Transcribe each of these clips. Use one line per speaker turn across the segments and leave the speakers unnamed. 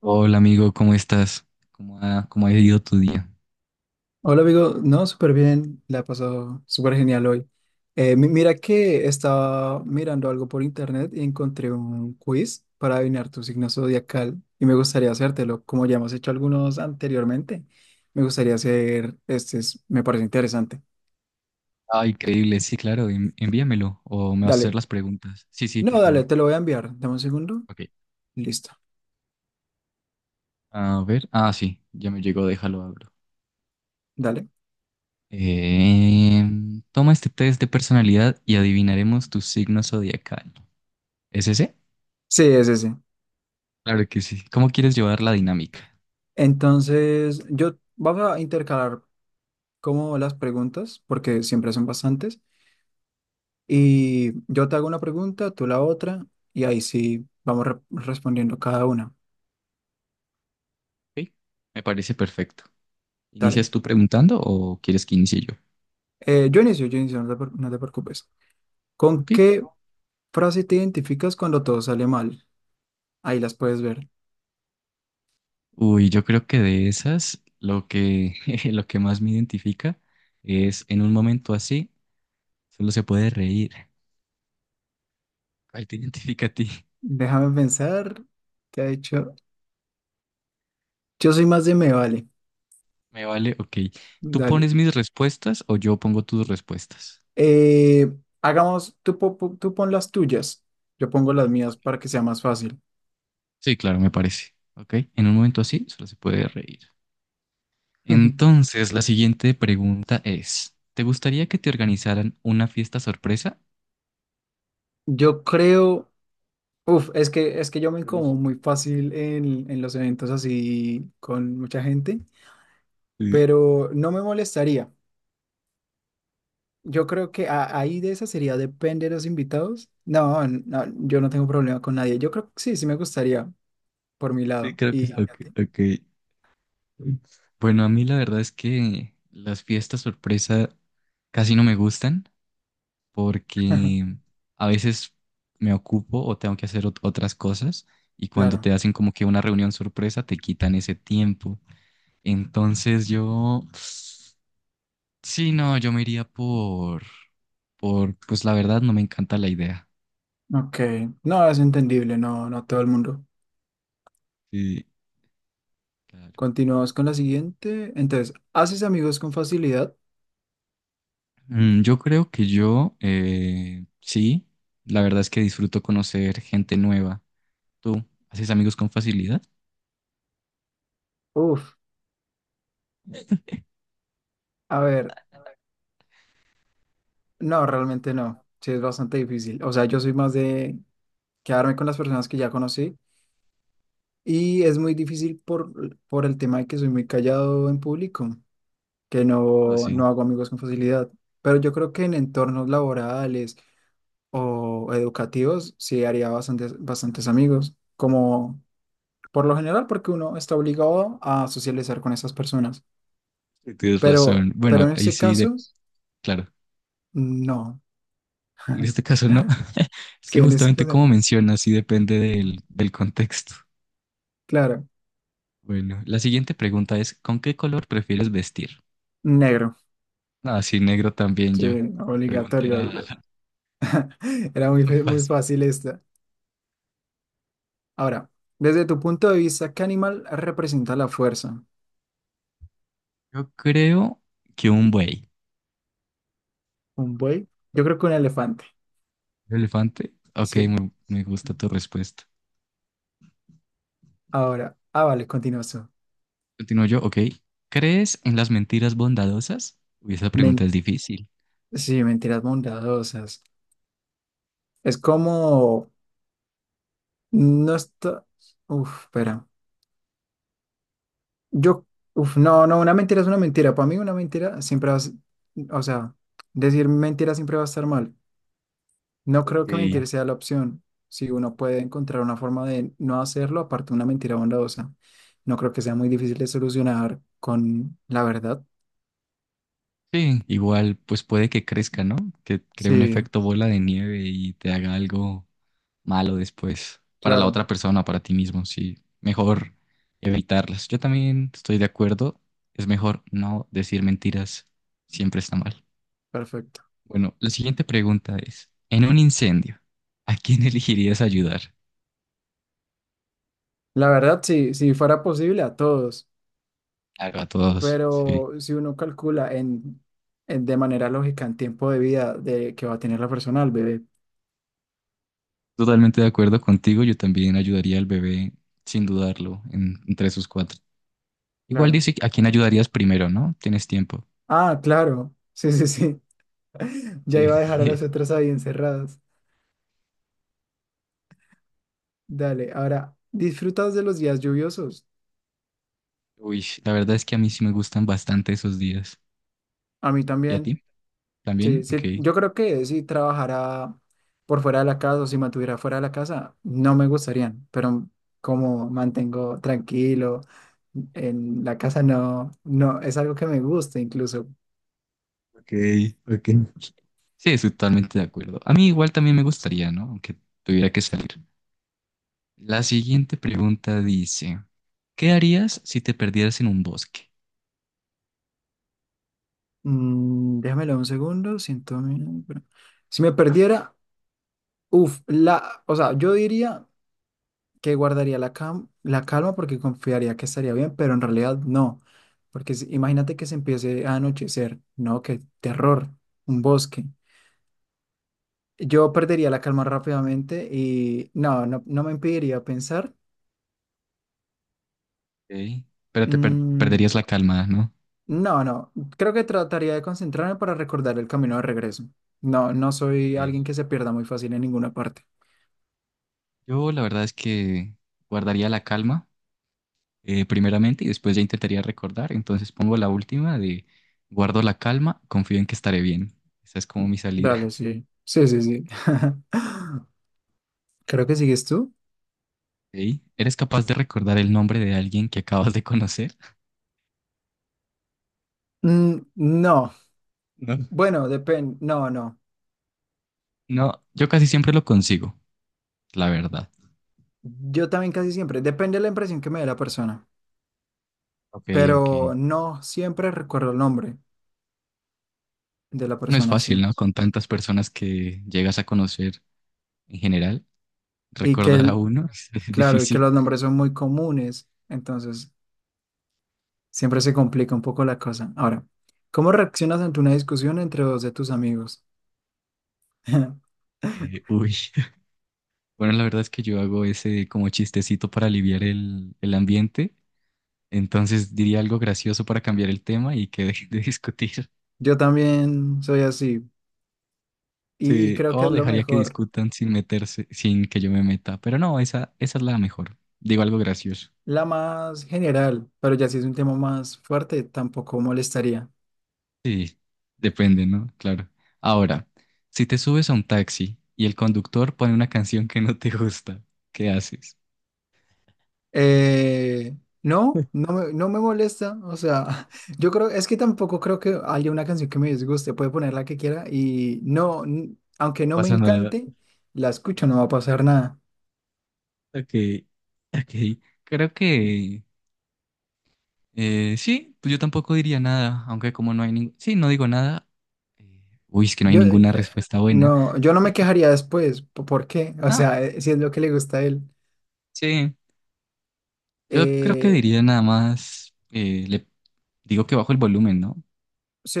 Hola amigo, ¿cómo estás? ¿Cómo ha ido tu día?
Hola amigo, no, súper bien, la he pasado súper genial hoy. Mira que estaba mirando algo por internet y encontré un quiz para adivinar tu signo zodiacal y me gustaría hacértelo, como ya hemos hecho algunos anteriormente. Me gustaría hacer, me parece interesante.
Ah, increíble, sí, claro, envíamelo o me vas a hacer
Dale,
las preguntas. Sí, sí, por
no, dale,
favor.
te lo voy a enviar. Dame un segundo,
Ok.
listo,
A ver, ah, sí, ya me llegó, déjalo, abro.
dale.
Toma este test de personalidad y adivinaremos tu signo zodiacal. ¿Es ese?
Sí, es ese.
Claro que sí. ¿Cómo quieres llevar la dinámica?
Entonces, yo vamos a intercalar como las preguntas, porque siempre son bastantes. Y yo te hago una pregunta, tú la otra, y ahí sí vamos respondiendo cada una.
Ok, me parece perfecto.
Dale.
¿Inicias tú preguntando o quieres que inicie yo?
Yo inicio, yo inicio, no te preocupes. ¿Con
Ok.
qué frase te identificas cuando todo sale mal? Ahí las puedes ver.
Uy, yo creo que de esas, lo que más me identifica es en un momento así, solo se puede reír. ¿Cuál te identifica a ti?
Déjame pensar. ¿Qué ha hecho? Yo soy más de me vale.
Me vale, ok. ¿Tú
Dale.
pones mis respuestas o yo pongo tus respuestas?
Eh, Hagamos, tú pon las tuyas. Yo pongo
Ok,
las mías
ok.
para que sea más fácil.
Sí, claro, me parece. Ok, en un momento así, solo se puede reír. Entonces, la siguiente pregunta es, ¿te gustaría que te organizaran una fiesta sorpresa?
Yo creo. Uf, es que yo me
Mm.
incomodo muy fácil en los eventos así con mucha gente,
Sí,
pero no me molestaría. Yo creo que ahí de esa sería depende de los invitados. No, no, yo no tengo problema con nadie. Yo creo que sí, sí me gustaría por mi
sí,
lado.
creo que sí.
¿Y a
Ok,
ti?
ok. Bueno, a mí la verdad es que las fiestas sorpresa casi no me gustan porque a veces me ocupo o tengo que hacer otras cosas y cuando
Claro.
te hacen como que una reunión sorpresa te quitan ese tiempo. Entonces yo, sí, no, yo me iría por, pues la verdad no me encanta la idea.
Ok. No, es entendible, no, no todo el mundo.
Sí, claro.
Continuamos con la siguiente. Entonces, ¿haces amigos con facilidad?
Mm, yo creo que yo, sí, la verdad es que disfruto conocer gente nueva. ¿Tú haces amigos con facilidad?
Uf, a ver, no, realmente no. Sí, es bastante difícil. O sea, yo soy más de quedarme con las personas que ya conocí y es muy difícil por el tema de que soy muy callado en público, que
No,
no,
sí,
no hago amigos con facilidad. Pero yo creo que en entornos laborales o educativos sí haría bastantes, bastantes amigos, como por lo general porque uno está obligado a socializar con esas personas.
sí, tienes razón. Bueno,
Pero en
ahí
este
sí,
caso,
claro,
no.
en este caso no. Es que
Sí, en este
justamente
caso,
como mencionas, sí depende del, del contexto.
claro,
Bueno, la siguiente pregunta es, ¿con qué color prefieres vestir?
negro.
Ah, sí, negro también
Sí,
yo. La pregunta era
obligatorio. Era muy,
muy
muy
fácil.
fácil esta. Ahora, desde tu punto de vista, ¿qué animal representa la fuerza?
Yo creo que un buey.
¿Un buey? Yo creo que un elefante.
¿Un elefante? Ok,
Sí.
me gusta tu respuesta.
Ahora, ah, vale, continúas.
Continúo yo, ok. ¿Crees en las mentiras bondadosas? Uy, esa pregunta
Men-
es difícil.
sí, mentiras bondadosas. Es como, no está, uf, espera. Yo, uf, no, no, una mentira es una mentira. Para mí una mentira siempre va a, o sea, decir mentira siempre va a estar mal. No creo que
Ok.
mentir sea la opción. Si uno puede encontrar una forma de no hacerlo, aparte de una mentira bondadosa, no creo que sea muy difícil de solucionar con la verdad.
Sí, igual pues puede que crezca, ¿no? Que cree un
Sí,
efecto bola de nieve y te haga algo malo después para la
claro,
otra persona, para ti mismo, sí. Mejor evitarlas. Yo también estoy de acuerdo, es mejor no decir mentiras, siempre está mal.
perfecto.
Bueno, la siguiente pregunta es, en un incendio, ¿a quién elegirías ayudar?
La verdad, sí, si fuera posible a todos,
Claro, a todos, sí.
pero si uno calcula de manera lógica en tiempo de vida de que va a tener la persona, el bebé,
Totalmente de acuerdo contigo, yo también ayudaría al bebé sin dudarlo en, entre sus cuatro. Igual
claro.
dice a quién ayudarías primero, ¿no? Tienes tiempo.
Ah, claro, sí, sí, sí. Ya
Sí.
iba a dejar a las otras ahí encerradas. Dale, ahora, disfrutas de los días lluviosos.
Uy, la verdad es que a mí sí me gustan bastante esos días.
A mí
¿Y a
también.
ti?
Sí,
¿También? Ok.
sí, yo creo que si trabajara por fuera de la casa o si mantuviera fuera de la casa, no me gustarían, pero como mantengo tranquilo en la casa, no, no, es algo que me gusta incluso.
Ok, ok. Sí, estoy totalmente de acuerdo. A mí igual también me gustaría, ¿no? Aunque tuviera que salir. La siguiente pregunta dice, ¿qué harías si te perdieras en un bosque?
Mm, déjamelo un segundo, siento... Si me perdiera, uff, o sea, yo diría que guardaría la, la calma porque confiaría que estaría bien, pero en realidad no, porque imagínate que se empiece a anochecer, no, qué terror, un bosque. Yo perdería la calma rápidamente y no, no, no me impediría pensar.
Ok. Pero te
Mm,
perderías la calma, ¿no?
no, no, creo que trataría de concentrarme para recordar el camino de regreso. No, no soy
Ok.
alguien que se pierda muy fácil en ninguna parte.
Yo la verdad es que guardaría la calma. Primeramente y después ya intentaría recordar. Entonces pongo la última de guardo la calma, confío en que estaré bien. Esa es como mi
Dale,
salida.
sí. Sí, sí, sí. Creo que sigues tú.
¿Ok? ¿Eres capaz de recordar el nombre de alguien que acabas de conocer?
Mm, no,
No.
bueno, depende. No, no.
No, yo casi siempre lo consigo, la verdad.
Yo también casi siempre. Depende de la impresión que me dé la persona,
Ok, ok.
pero no siempre recuerdo el nombre de la
No es
persona, sí.
fácil, ¿no? Con tantas personas que llegas a conocer en general,
Y que
recordar a
el-
uno es
Claro, y que
difícil.
los nombres son muy comunes, entonces siempre se complica un poco la cosa. Ahora, ¿cómo reaccionas ante una discusión entre dos de tus amigos?
Uy. Bueno, la verdad es que yo hago ese como chistecito para aliviar el ambiente. Entonces diría algo gracioso para cambiar el tema y que dejen de discutir.
Yo también soy así y
Sí,
creo que
o
es lo
dejaría que
mejor,
discutan sin meterse, sin que yo me meta. Pero no, esa es la mejor. Digo algo gracioso.
la más general, pero ya si es un tema más fuerte, tampoco molestaría.
Sí, depende, ¿no? Claro. Ahora, si te subes a un taxi y el conductor pone una canción que no te gusta, ¿qué haces?
Eh, no, no me molesta. O sea, yo creo, es que tampoco creo que haya una canción que me disguste. Puede poner la que quiera y no, aunque
No
no me
pasa nada.
encante, la escucho, no va a pasar nada.
Ok, ok. Creo que sí, pues yo tampoco diría nada, aunque como no hay ningún... Sí, no digo nada. Uy, es que no hay
Yo, eh,
ninguna respuesta buena.
no, yo no me quejaría después. ¿Por qué? O
No,
sea, si es lo que le gusta a él.
sí, yo creo que
Eh,
diría nada más, le digo que bajo el volumen, ¿no?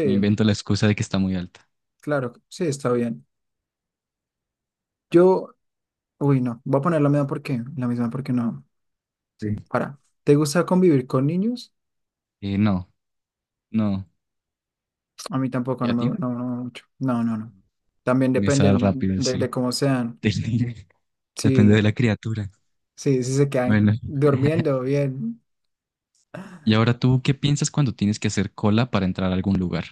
Me invento la excusa de que está muy alta.
claro, sí, está bien. Yo, uy, no, voy a poner la misma porque no. Sí,
Sí.
para. ¿Te gusta convivir con niños?
No, no.
A mí tampoco,
¿Y a ti?
no, no no mucho. No, no, no. También
En
depende
esa rápida, sí.
de cómo sean.
Depende Depende de
Si,
la criatura.
si se quedan
Bueno,
durmiendo bien,
¿y ahora tú qué piensas cuando tienes que hacer cola para entrar a algún lugar?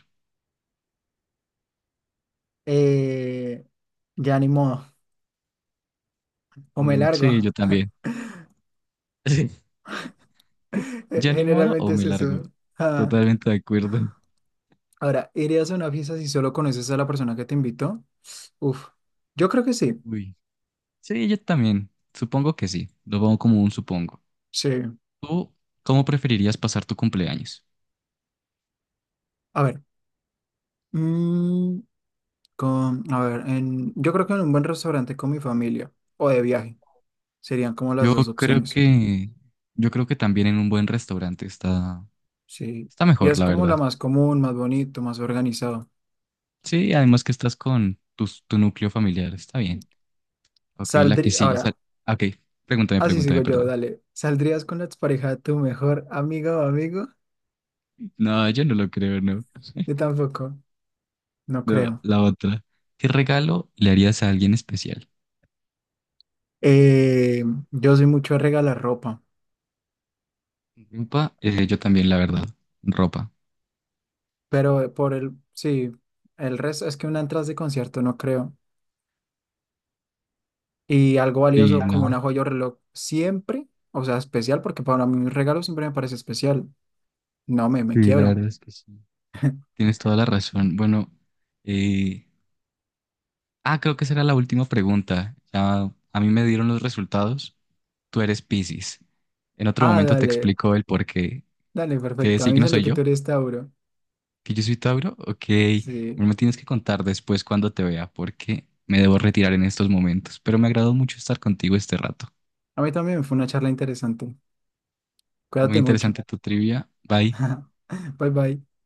eh, ya ni modo. O me
Mm, sí, yo
largo.
también. ¿Ya ni modo o
Generalmente es
me largo?
eso. Ah.
Totalmente de acuerdo.
Ahora, ¿irías a una fiesta si solo conoces a la persona que te invitó? Uf, yo creo que sí.
Uy. Sí, yo también. Supongo que sí. Lo pongo como un supongo.
Sí.
¿Tú cómo preferirías pasar tu cumpleaños?
A ver, mm, a ver, en, yo creo que en un buen restaurante con mi familia o de viaje serían como las
Yo
dos
creo
opciones.
que, yo creo que también en un buen restaurante está,
Sí,
está
y
mejor,
es
la
como
verdad.
la más común, más bonito, más organizado.
Sí, además que estás con tu núcleo familiar, está bien. Ok, la que
Saldría,
sigue.
ahora,
Ok,
así
pregúntame,
sigo yo,
perdón.
dale. ¿Saldrías con la expareja de tu mejor amiga o amigo?
No, yo no lo creo, no.
Yo tampoco, no
No,
creo.
la otra. ¿Qué regalo le harías a alguien especial?
Eh, yo soy mucho de regalar ropa,
Ropa, yo también, la verdad. Ropa.
pero sí, el resto es que una entrada de concierto no creo. Y algo
Sí,
valioso como
no.
una joya o reloj, siempre, o sea, especial, porque para mí un regalo siempre me parece especial. No me, Me
Sí, la
quiebro.
verdad es que sí. Tienes toda la razón. Bueno, eh, ah, creo que será la última pregunta. Ya a mí me dieron los resultados. Tú eres Piscis. En otro
Ah,
momento te
dale,
explico el por qué.
dale,
¿Qué
perfecto. A mí me
signo
salió
soy
que
yo?
tú eres Tauro.
¿Que yo soy Tauro? Ok. No
Sí.
me lo tienes que contar después cuando te vea porque me debo retirar en estos momentos. Pero me agradó mucho estar contigo este rato.
A mí también fue una charla interesante.
Muy
Cuídate mucho.
interesante tu trivia. Bye.
Bye bye.